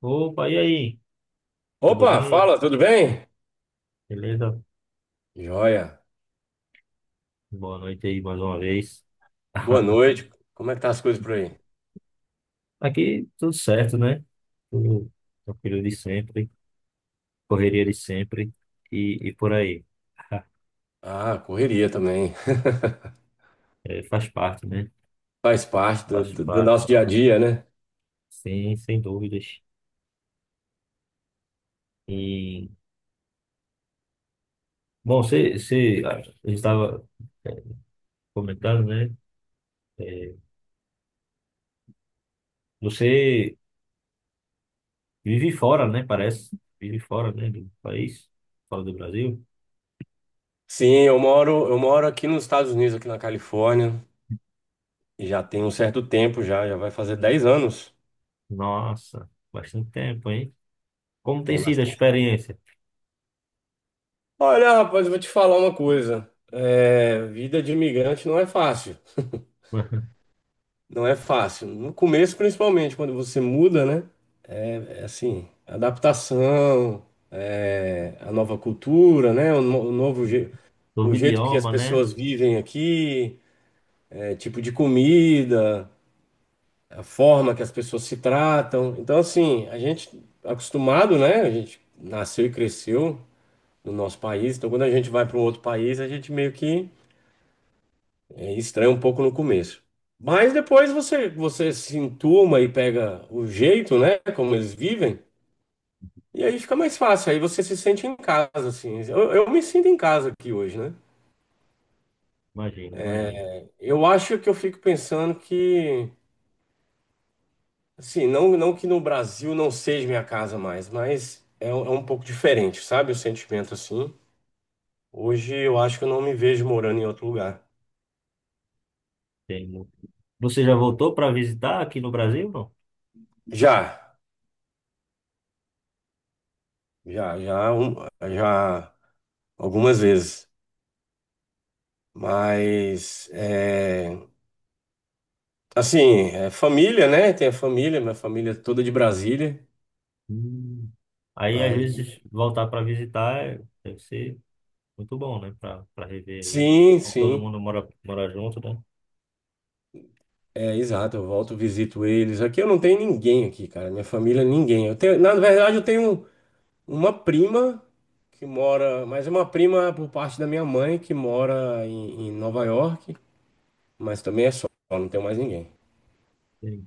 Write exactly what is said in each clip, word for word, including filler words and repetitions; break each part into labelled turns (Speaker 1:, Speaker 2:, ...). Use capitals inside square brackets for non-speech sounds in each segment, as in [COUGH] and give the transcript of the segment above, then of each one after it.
Speaker 1: Opa, e aí? Tudo
Speaker 2: Opa,
Speaker 1: bem?
Speaker 2: fala, tudo bem?
Speaker 1: Beleza?
Speaker 2: Joia.
Speaker 1: Boa noite aí mais uma vez.
Speaker 2: Boa
Speaker 1: [LAUGHS]
Speaker 2: noite. Como é que tá as coisas por aí?
Speaker 1: Aqui tudo certo, né? Tudo tranquilo de sempre, correria de sempre e, e por aí. [LAUGHS]
Speaker 2: Ah, correria também.
Speaker 1: É, faz parte, né?
Speaker 2: [LAUGHS] Faz parte do,
Speaker 1: Faz
Speaker 2: do- do
Speaker 1: parte,
Speaker 2: nosso dia a dia, né?
Speaker 1: sim, sem dúvidas. E, bom, você, você, a gente estava comentando, né? É, você vive fora, né? Parece. Vive fora, né? Do país, fora do Brasil.
Speaker 2: Sim, eu moro, eu moro aqui nos Estados Unidos, aqui na Califórnia, e já tem um certo tempo já, já vai fazer dez anos.
Speaker 1: Nossa, bastante tempo, hein? Como tem
Speaker 2: Tem
Speaker 1: sido a
Speaker 2: bastante.
Speaker 1: experiência?
Speaker 2: Olha, rapaz, eu vou te falar uma coisa. É, vida de imigrante não é fácil.
Speaker 1: [LAUGHS]
Speaker 2: Não é fácil. No começo, principalmente, quando você muda, né? É assim, adaptação, é, a nova cultura, né? O, no- o novo je-
Speaker 1: Novo
Speaker 2: o jeito que as
Speaker 1: idioma, né?
Speaker 2: pessoas vivem aqui, é, tipo de comida, a forma que as pessoas se tratam. Então, assim, a gente acostumado, né? A gente nasceu e cresceu no nosso país. Então, quando a gente vai para um outro país, a gente meio que é, estranha um pouco no começo. Mas depois você, você se entuma e pega o jeito, né? Como eles vivem. E aí fica mais fácil, aí você se sente em casa, assim. Eu, eu me sinto em casa aqui hoje, né?
Speaker 1: Imagino, imagino.
Speaker 2: Eu acho que eu fico pensando que, assim, não, não que no Brasil não seja minha casa mais, mas é, um- é um pouco diferente, sabe? O sentimento, assim. Hoje eu acho que eu não me vejo morando em outro lugar.
Speaker 1: Tem muito. Você já voltou para visitar aqui no Brasil, não?
Speaker 2: Já, já, já, um- já algumas vezes. Mas, é, assim, é família, né? Tem a família, minha família é toda de Brasília.
Speaker 1: Hum. Aí, às
Speaker 2: Aí,
Speaker 1: vezes, voltar para visitar é- deve ser muito bom, né? Para para rever aí.
Speaker 2: sim,
Speaker 1: Como Todo
Speaker 2: sim.
Speaker 1: mundo mora, mora junto, né?
Speaker 2: É, exato, eu volto, visito eles. Aqui eu não tenho ninguém aqui, cara. Minha família, ninguém. Eu tenho, na verdade, eu tenho uma prima que mora, mas é uma prima por parte da minha mãe que mora em, em Nova York, mas também é só, não tenho mais ninguém.
Speaker 1: Sim.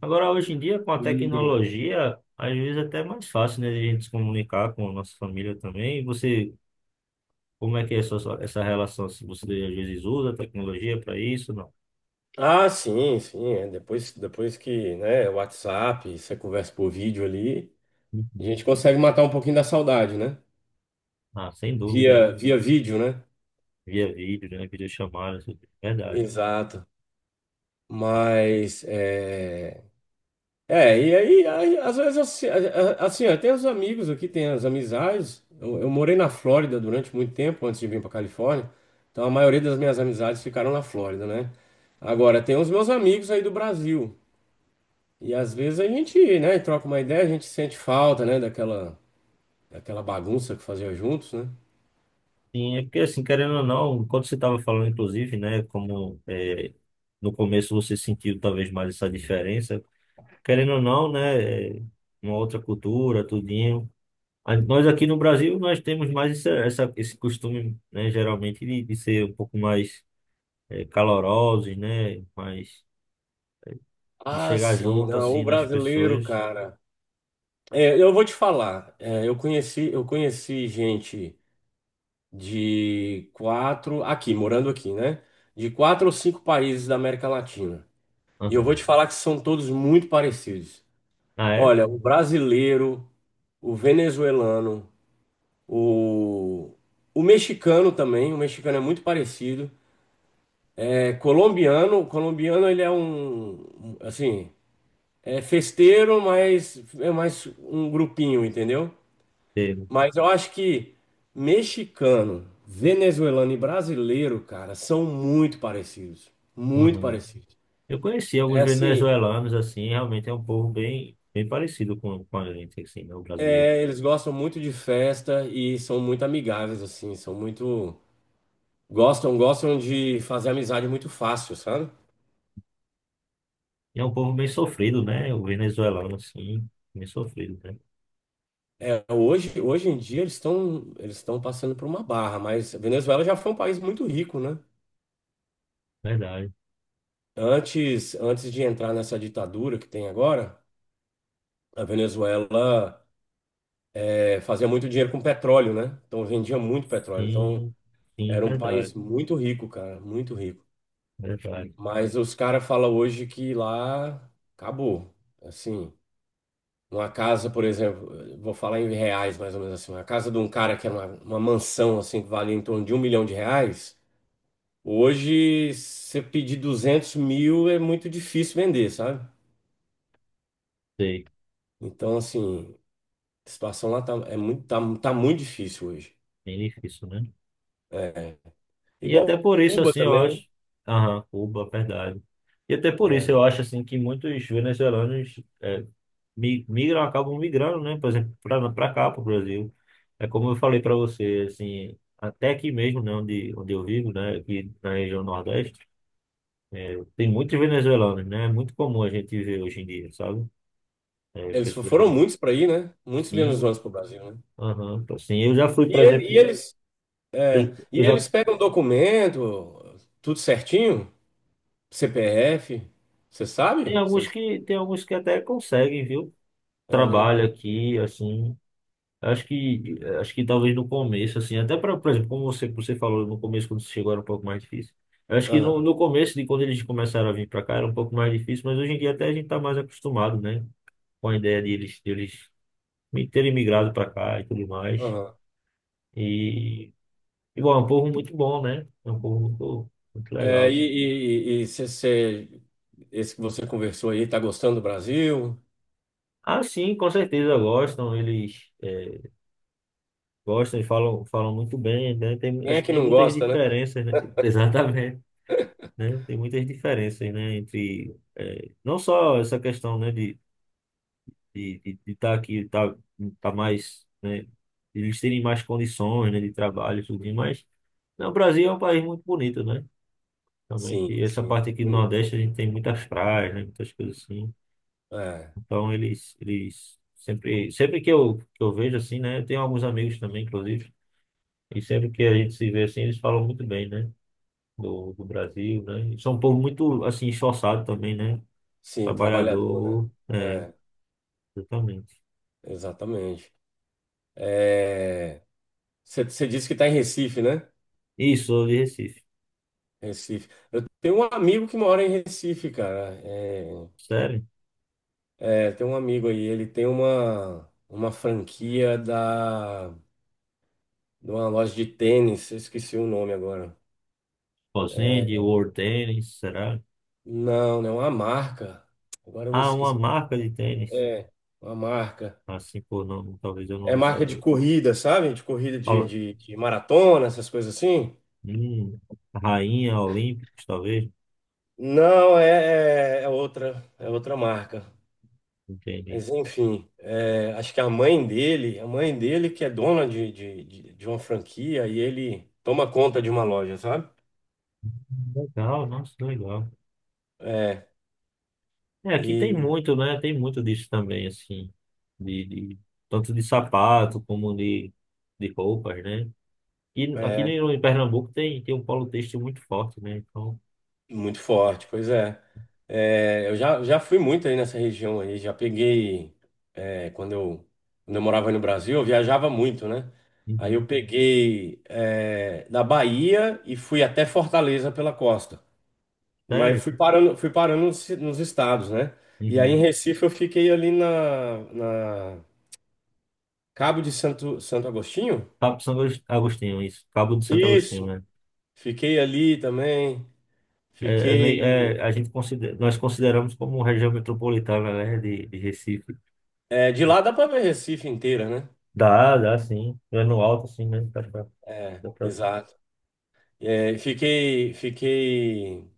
Speaker 1: Agora, hoje em dia, com a
Speaker 2: E-
Speaker 1: tecnologia, às vezes é até é mais fácil, né? De a gente se comunicar com a nossa família também. E você, como é que é essa, essa relação? Se você, às vezes, usa a tecnologia para isso, não?
Speaker 2: Ah, sim, sim. é, Depois, depois que, né, WhatsApp, você conversa por vídeo ali, a
Speaker 1: Uhum.
Speaker 2: gente consegue matar um pouquinho da saudade, né?
Speaker 1: Ah, sem dúvida.
Speaker 2: Via, via vídeo, né?
Speaker 1: Via vídeo, né? Videochamada, isso tudo. Verdade.
Speaker 2: Exato. Mas é, É, e aí, aí, às vezes, assim, a- a- assim, ó, tem os amigos aqui, tem as amizades. Eu, eu morei na Flórida durante muito tempo antes de vir para Califórnia, então a maioria das minhas amizades ficaram na Flórida, né? Agora, tem os meus amigos aí do Brasil, e às vezes a gente, né, troca uma ideia, a gente sente falta, né, daquela, daquela bagunça que fazia juntos, né?
Speaker 1: Sim, é porque assim, querendo ou não, enquanto você estava falando, inclusive, né, como é, no começo você sentiu talvez mais essa diferença, querendo ou não, né, é, uma outra cultura, tudinho. A- Nós aqui no Brasil, nós temos mais essa, essa- esse costume, né, geralmente de, de ser um pouco mais é, calorosos, né, mais de
Speaker 2: Ah,
Speaker 1: chegar
Speaker 2: sim,
Speaker 1: junto,
Speaker 2: não, o
Speaker 1: assim, nas
Speaker 2: brasileiro,
Speaker 1: pessoas.
Speaker 2: cara. É, eu vou te falar, é, eu conheci, eu conheci gente de quatro, aqui, morando aqui, né? De quatro ou cinco países da América Latina. E eu vou
Speaker 1: Aham.
Speaker 2: te falar que são todos muito parecidos.
Speaker 1: Ah, é?
Speaker 2: Olha, o brasileiro, o venezuelano, o, o mexicano também, o mexicano é muito parecido. É colombiano, o colombiano ele é um, um, assim, é festeiro, mas é mais um grupinho, entendeu?
Speaker 1: Teve.
Speaker 2: Mas eu acho que mexicano, venezuelano e brasileiro, cara, são muito parecidos. Muito parecidos.
Speaker 1: Eu conheci
Speaker 2: É
Speaker 1: alguns
Speaker 2: assim,
Speaker 1: venezuelanos, assim, realmente é um povo bem, bem parecido com, com a gente, assim, né, o brasileiro.
Speaker 2: é, eles gostam muito de festa e são muito amigáveis, assim, são muito. Gostam, gostam de fazer amizade muito fácil, sabe?
Speaker 1: E é um povo bem sofrido, né? O venezuelano, assim, bem sofrido, né?
Speaker 2: É, hoje, hoje em dia eles estão eles estão passando por uma barra, mas a Venezuela já foi um país muito rico, né?
Speaker 1: Verdade.
Speaker 2: Antes, antes de entrar nessa ditadura que tem agora, a Venezuela é, fazia muito dinheiro com petróleo, né? Então vendia muito petróleo. Então
Speaker 1: Sim, sim,
Speaker 2: era um país
Speaker 1: verdade,
Speaker 2: muito rico, cara, muito rico.
Speaker 1: verdade.
Speaker 2: Mas os caras falam hoje que lá acabou. Assim, uma casa, por exemplo, eu vou falar em reais mais ou menos assim, uma casa de um cara que era uma, uma mansão assim que valia em torno de um milhão de reais, hoje você pedir duzentos mil é muito difícil vender, sabe?
Speaker 1: Sei,
Speaker 2: Então assim, a situação lá tá, é muito, tá, tá muito difícil hoje.
Speaker 1: bem difícil, né?
Speaker 2: É,
Speaker 1: E até
Speaker 2: igual
Speaker 1: por isso,
Speaker 2: Cuba
Speaker 1: assim, eu
Speaker 2: também.
Speaker 1: acho... Aham, Cuba, verdade. E até por isso
Speaker 2: É.
Speaker 1: eu acho, assim, que muitos venezuelanos eh, mi- migram, acabam migrando, né? Por exemplo, para cá, para o Brasil. É como eu falei para você, assim, até aqui mesmo, né, onde, onde eu vivo, né, aqui na região Nordeste, tem muitos venezuelanos, né? É muito comum a gente ver hoje em dia, sabe? É,
Speaker 2: Eles
Speaker 1: pessoas
Speaker 2: foram muitos
Speaker 1: venezuelanas.
Speaker 2: para ir, né? Muitos
Speaker 1: Sim,
Speaker 2: venezuelanos para o Brasil, né?
Speaker 1: aham, então, assim, eu já fui,
Speaker 2: E,
Speaker 1: por
Speaker 2: ele- e
Speaker 1: exemplo,
Speaker 2: eles,
Speaker 1: eu,
Speaker 2: e
Speaker 1: eu
Speaker 2: eles
Speaker 1: já
Speaker 2: pegam documento, tudo certinho, C P F, você sabe?
Speaker 1: tem
Speaker 2: Se
Speaker 1: alguns
Speaker 2: eles-
Speaker 1: que tem alguns que até conseguem, viu?
Speaker 2: É, né?
Speaker 1: Trabalho aqui, assim, acho que, acho que talvez no começo, assim, até para, por exemplo, como você, você falou no começo, quando você chegou era um pouco mais difícil. Eu acho que no,
Speaker 2: Aham,
Speaker 1: no começo, de quando eles começaram a vir para cá, era um pouco mais difícil, mas hoje em dia até a gente está mais acostumado, né? Com a ideia de eles, de eles mi- terem migrado para cá e tudo mais.
Speaker 2: aham.
Speaker 1: E, e, bom, é um povo muito bom, né? É um povo muito, muito legal,
Speaker 2: É,
Speaker 1: assim.
Speaker 2: e e, você, esse que você conversou aí, tá gostando do Brasil?
Speaker 1: Ah, sim, com certeza gostam, eles eh, gostam e falam, falam muito bem, né? Tem,
Speaker 2: Quem é
Speaker 1: acho que
Speaker 2: que
Speaker 1: tem
Speaker 2: não
Speaker 1: muitas
Speaker 2: gosta, né?
Speaker 1: diferenças, né? [LAUGHS] Exatamente. Né? Tem muitas diferenças, né? Entre eh, não só essa questão, né, de de de estar aqui, tá, tá mais, né? De eles terem mais condições, né, de trabalho, e tudo mais. Não, o Brasil é um país muito bonito, né? Realmente.
Speaker 2: Sim,
Speaker 1: E essa
Speaker 2: sim,
Speaker 1: parte aqui do
Speaker 2: bonito.
Speaker 1: Nordeste a gente tem muitas praias, né? Muitas coisas assim.
Speaker 2: É,
Speaker 1: Então eles eles sempre sempre que eu que eu vejo assim, né? Eu tenho alguns amigos também, inclusive. E sempre que a gente se vê assim, eles falam muito bem, né? Do, do Brasil, né? E são um povo muito, assim, esforçado também, né?
Speaker 2: sim, trabalhador, né?
Speaker 1: Trabalhador, é,
Speaker 2: É,
Speaker 1: exatamente.
Speaker 2: exatamente. É, você disse que está em Recife, né?
Speaker 1: Isso, sou de Recife.
Speaker 2: Recife. Eu tenho um amigo que mora em Recife, cara. É,
Speaker 1: Sério?
Speaker 2: é, tem um amigo aí, ele tem uma, uma franquia da, de uma loja de tênis, eu esqueci o nome agora.
Speaker 1: Fazende, World Tênis, será?
Speaker 2: Não, não, né, uma marca. Agora eu me
Speaker 1: Ah, uma
Speaker 2: esqueci.
Speaker 1: marca de tênis.
Speaker 2: É, uma marca.
Speaker 1: Assim por nome, talvez eu não
Speaker 2: É
Speaker 1: vou
Speaker 2: marca de
Speaker 1: saber.
Speaker 2: corrida, sabe? De corrida de,
Speaker 1: Ol-
Speaker 2: de, de maratona, essas coisas assim.
Speaker 1: Hum, Rainha Olímpicos, talvez.
Speaker 2: Não, é, é, é outra, é outra marca.
Speaker 1: Entendi.
Speaker 2: Mas enfim, é, acho que a mãe dele, a mãe dele que é dona de, de, de de uma franquia e ele toma conta de uma loja, sabe?
Speaker 1: Legal, nossa, legal.
Speaker 2: É,
Speaker 1: É, aqui tem
Speaker 2: e
Speaker 1: muito, né? Tem muito disso também, assim. De, de- tanto de sapato como de, de roupas, né? E aqui
Speaker 2: é
Speaker 1: no- em Pernambuco tem, tem um polo têxtil muito forte, né? Então,
Speaker 2: muito forte, pois é. É, eu já, já fui muito aí nessa região aí, já peguei, é, quando eu, quando eu morava aí no Brasil, eu viajava muito, né? Aí eu
Speaker 1: uhum.
Speaker 2: peguei, é, da Bahia e fui até Fortaleza pela costa. Mas eu
Speaker 1: Sério?
Speaker 2: fui parando, fui parando nos, nos estados, né? E aí em
Speaker 1: Uhum.
Speaker 2: Recife eu fiquei ali na, na Cabo de Santo, Santo Agostinho.
Speaker 1: Cabo de São Agus- Agostinho, isso. Cabo de Santo Agostinho,
Speaker 2: Isso,
Speaker 1: né?
Speaker 2: fiquei ali também.
Speaker 1: É, é meio- é,
Speaker 2: Fiquei.
Speaker 1: a gente considera, nós consideramos como região metropolitana, né, de, de Recife.
Speaker 2: É, de lá dá para ver Recife inteira, né?
Speaker 1: Dá, dá sim. É no alto, sim, mesmo. Dá pra,
Speaker 2: É,
Speaker 1: dá pra... ver.
Speaker 2: exato. É, fiquei, fiquei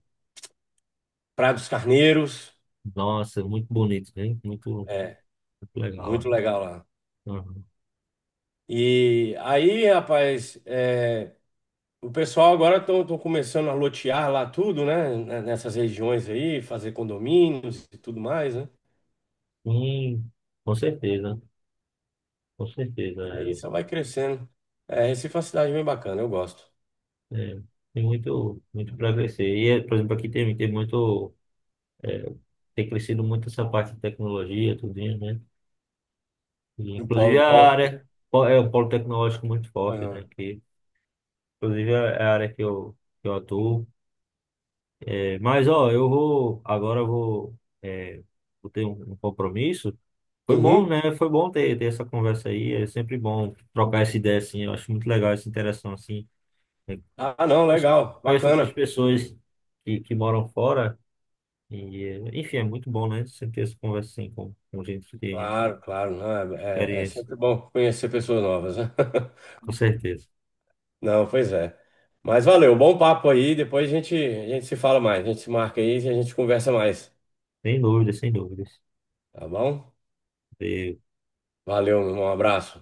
Speaker 2: Praia dos Carneiros.
Speaker 1: Nossa, muito bonito, hein? Muito,
Speaker 2: É,
Speaker 1: muito legal,
Speaker 2: muito legal lá.
Speaker 1: né? Uhum.
Speaker 2: E aí, rapaz, é, o pessoal agora estão começando a lotear lá tudo, né? N- Nessas regiões aí, fazer condomínios e tudo mais, né?
Speaker 1: Sim, com certeza, com certeza.
Speaker 2: E aí só vai crescendo. É, Recife é uma cidade bem bacana, eu gosto.
Speaker 1: É, é, tem muito, muito para crescer. E, é, por exemplo, aqui tem, tem muito, é, tem crescido muito essa parte de tecnologia, tudo, né?
Speaker 2: O
Speaker 1: Inclusive
Speaker 2: Paulo,
Speaker 1: a
Speaker 2: Paulo.
Speaker 1: área po- é o polo tecnológico muito forte, né?
Speaker 2: Aham.
Speaker 1: Que, inclusive é a área que eu, que eu atuo. É, mas ó, eu vou agora eu vou, é, vou ter um, um compromisso. Foi bom,
Speaker 2: Uhum.
Speaker 1: né? Foi bom ter, ter essa conversa aí. É sempre bom trocar essa ideia assim. Eu acho muito legal essa interação assim. Eu
Speaker 2: Ah, não,
Speaker 1: conheço,
Speaker 2: legal,
Speaker 1: conheço outras
Speaker 2: bacana.
Speaker 1: pessoas que, que moram fora e é, enfim, é muito bom, né? Sempre ter essa conversa assim com, com gente que tem
Speaker 2: Claro, claro, não, é, é- é
Speaker 1: experiência,
Speaker 2: sempre bom conhecer pessoas novas, né? [LAUGHS]
Speaker 1: com certeza.
Speaker 2: Não, pois é. Mas valeu, bom papo aí. Depois a gente, a gente se fala mais, a gente se marca aí e a gente conversa mais,
Speaker 1: Sem dúvidas, sem dúvidas.
Speaker 2: tá bom? Valeu, meu irmão, um abraço.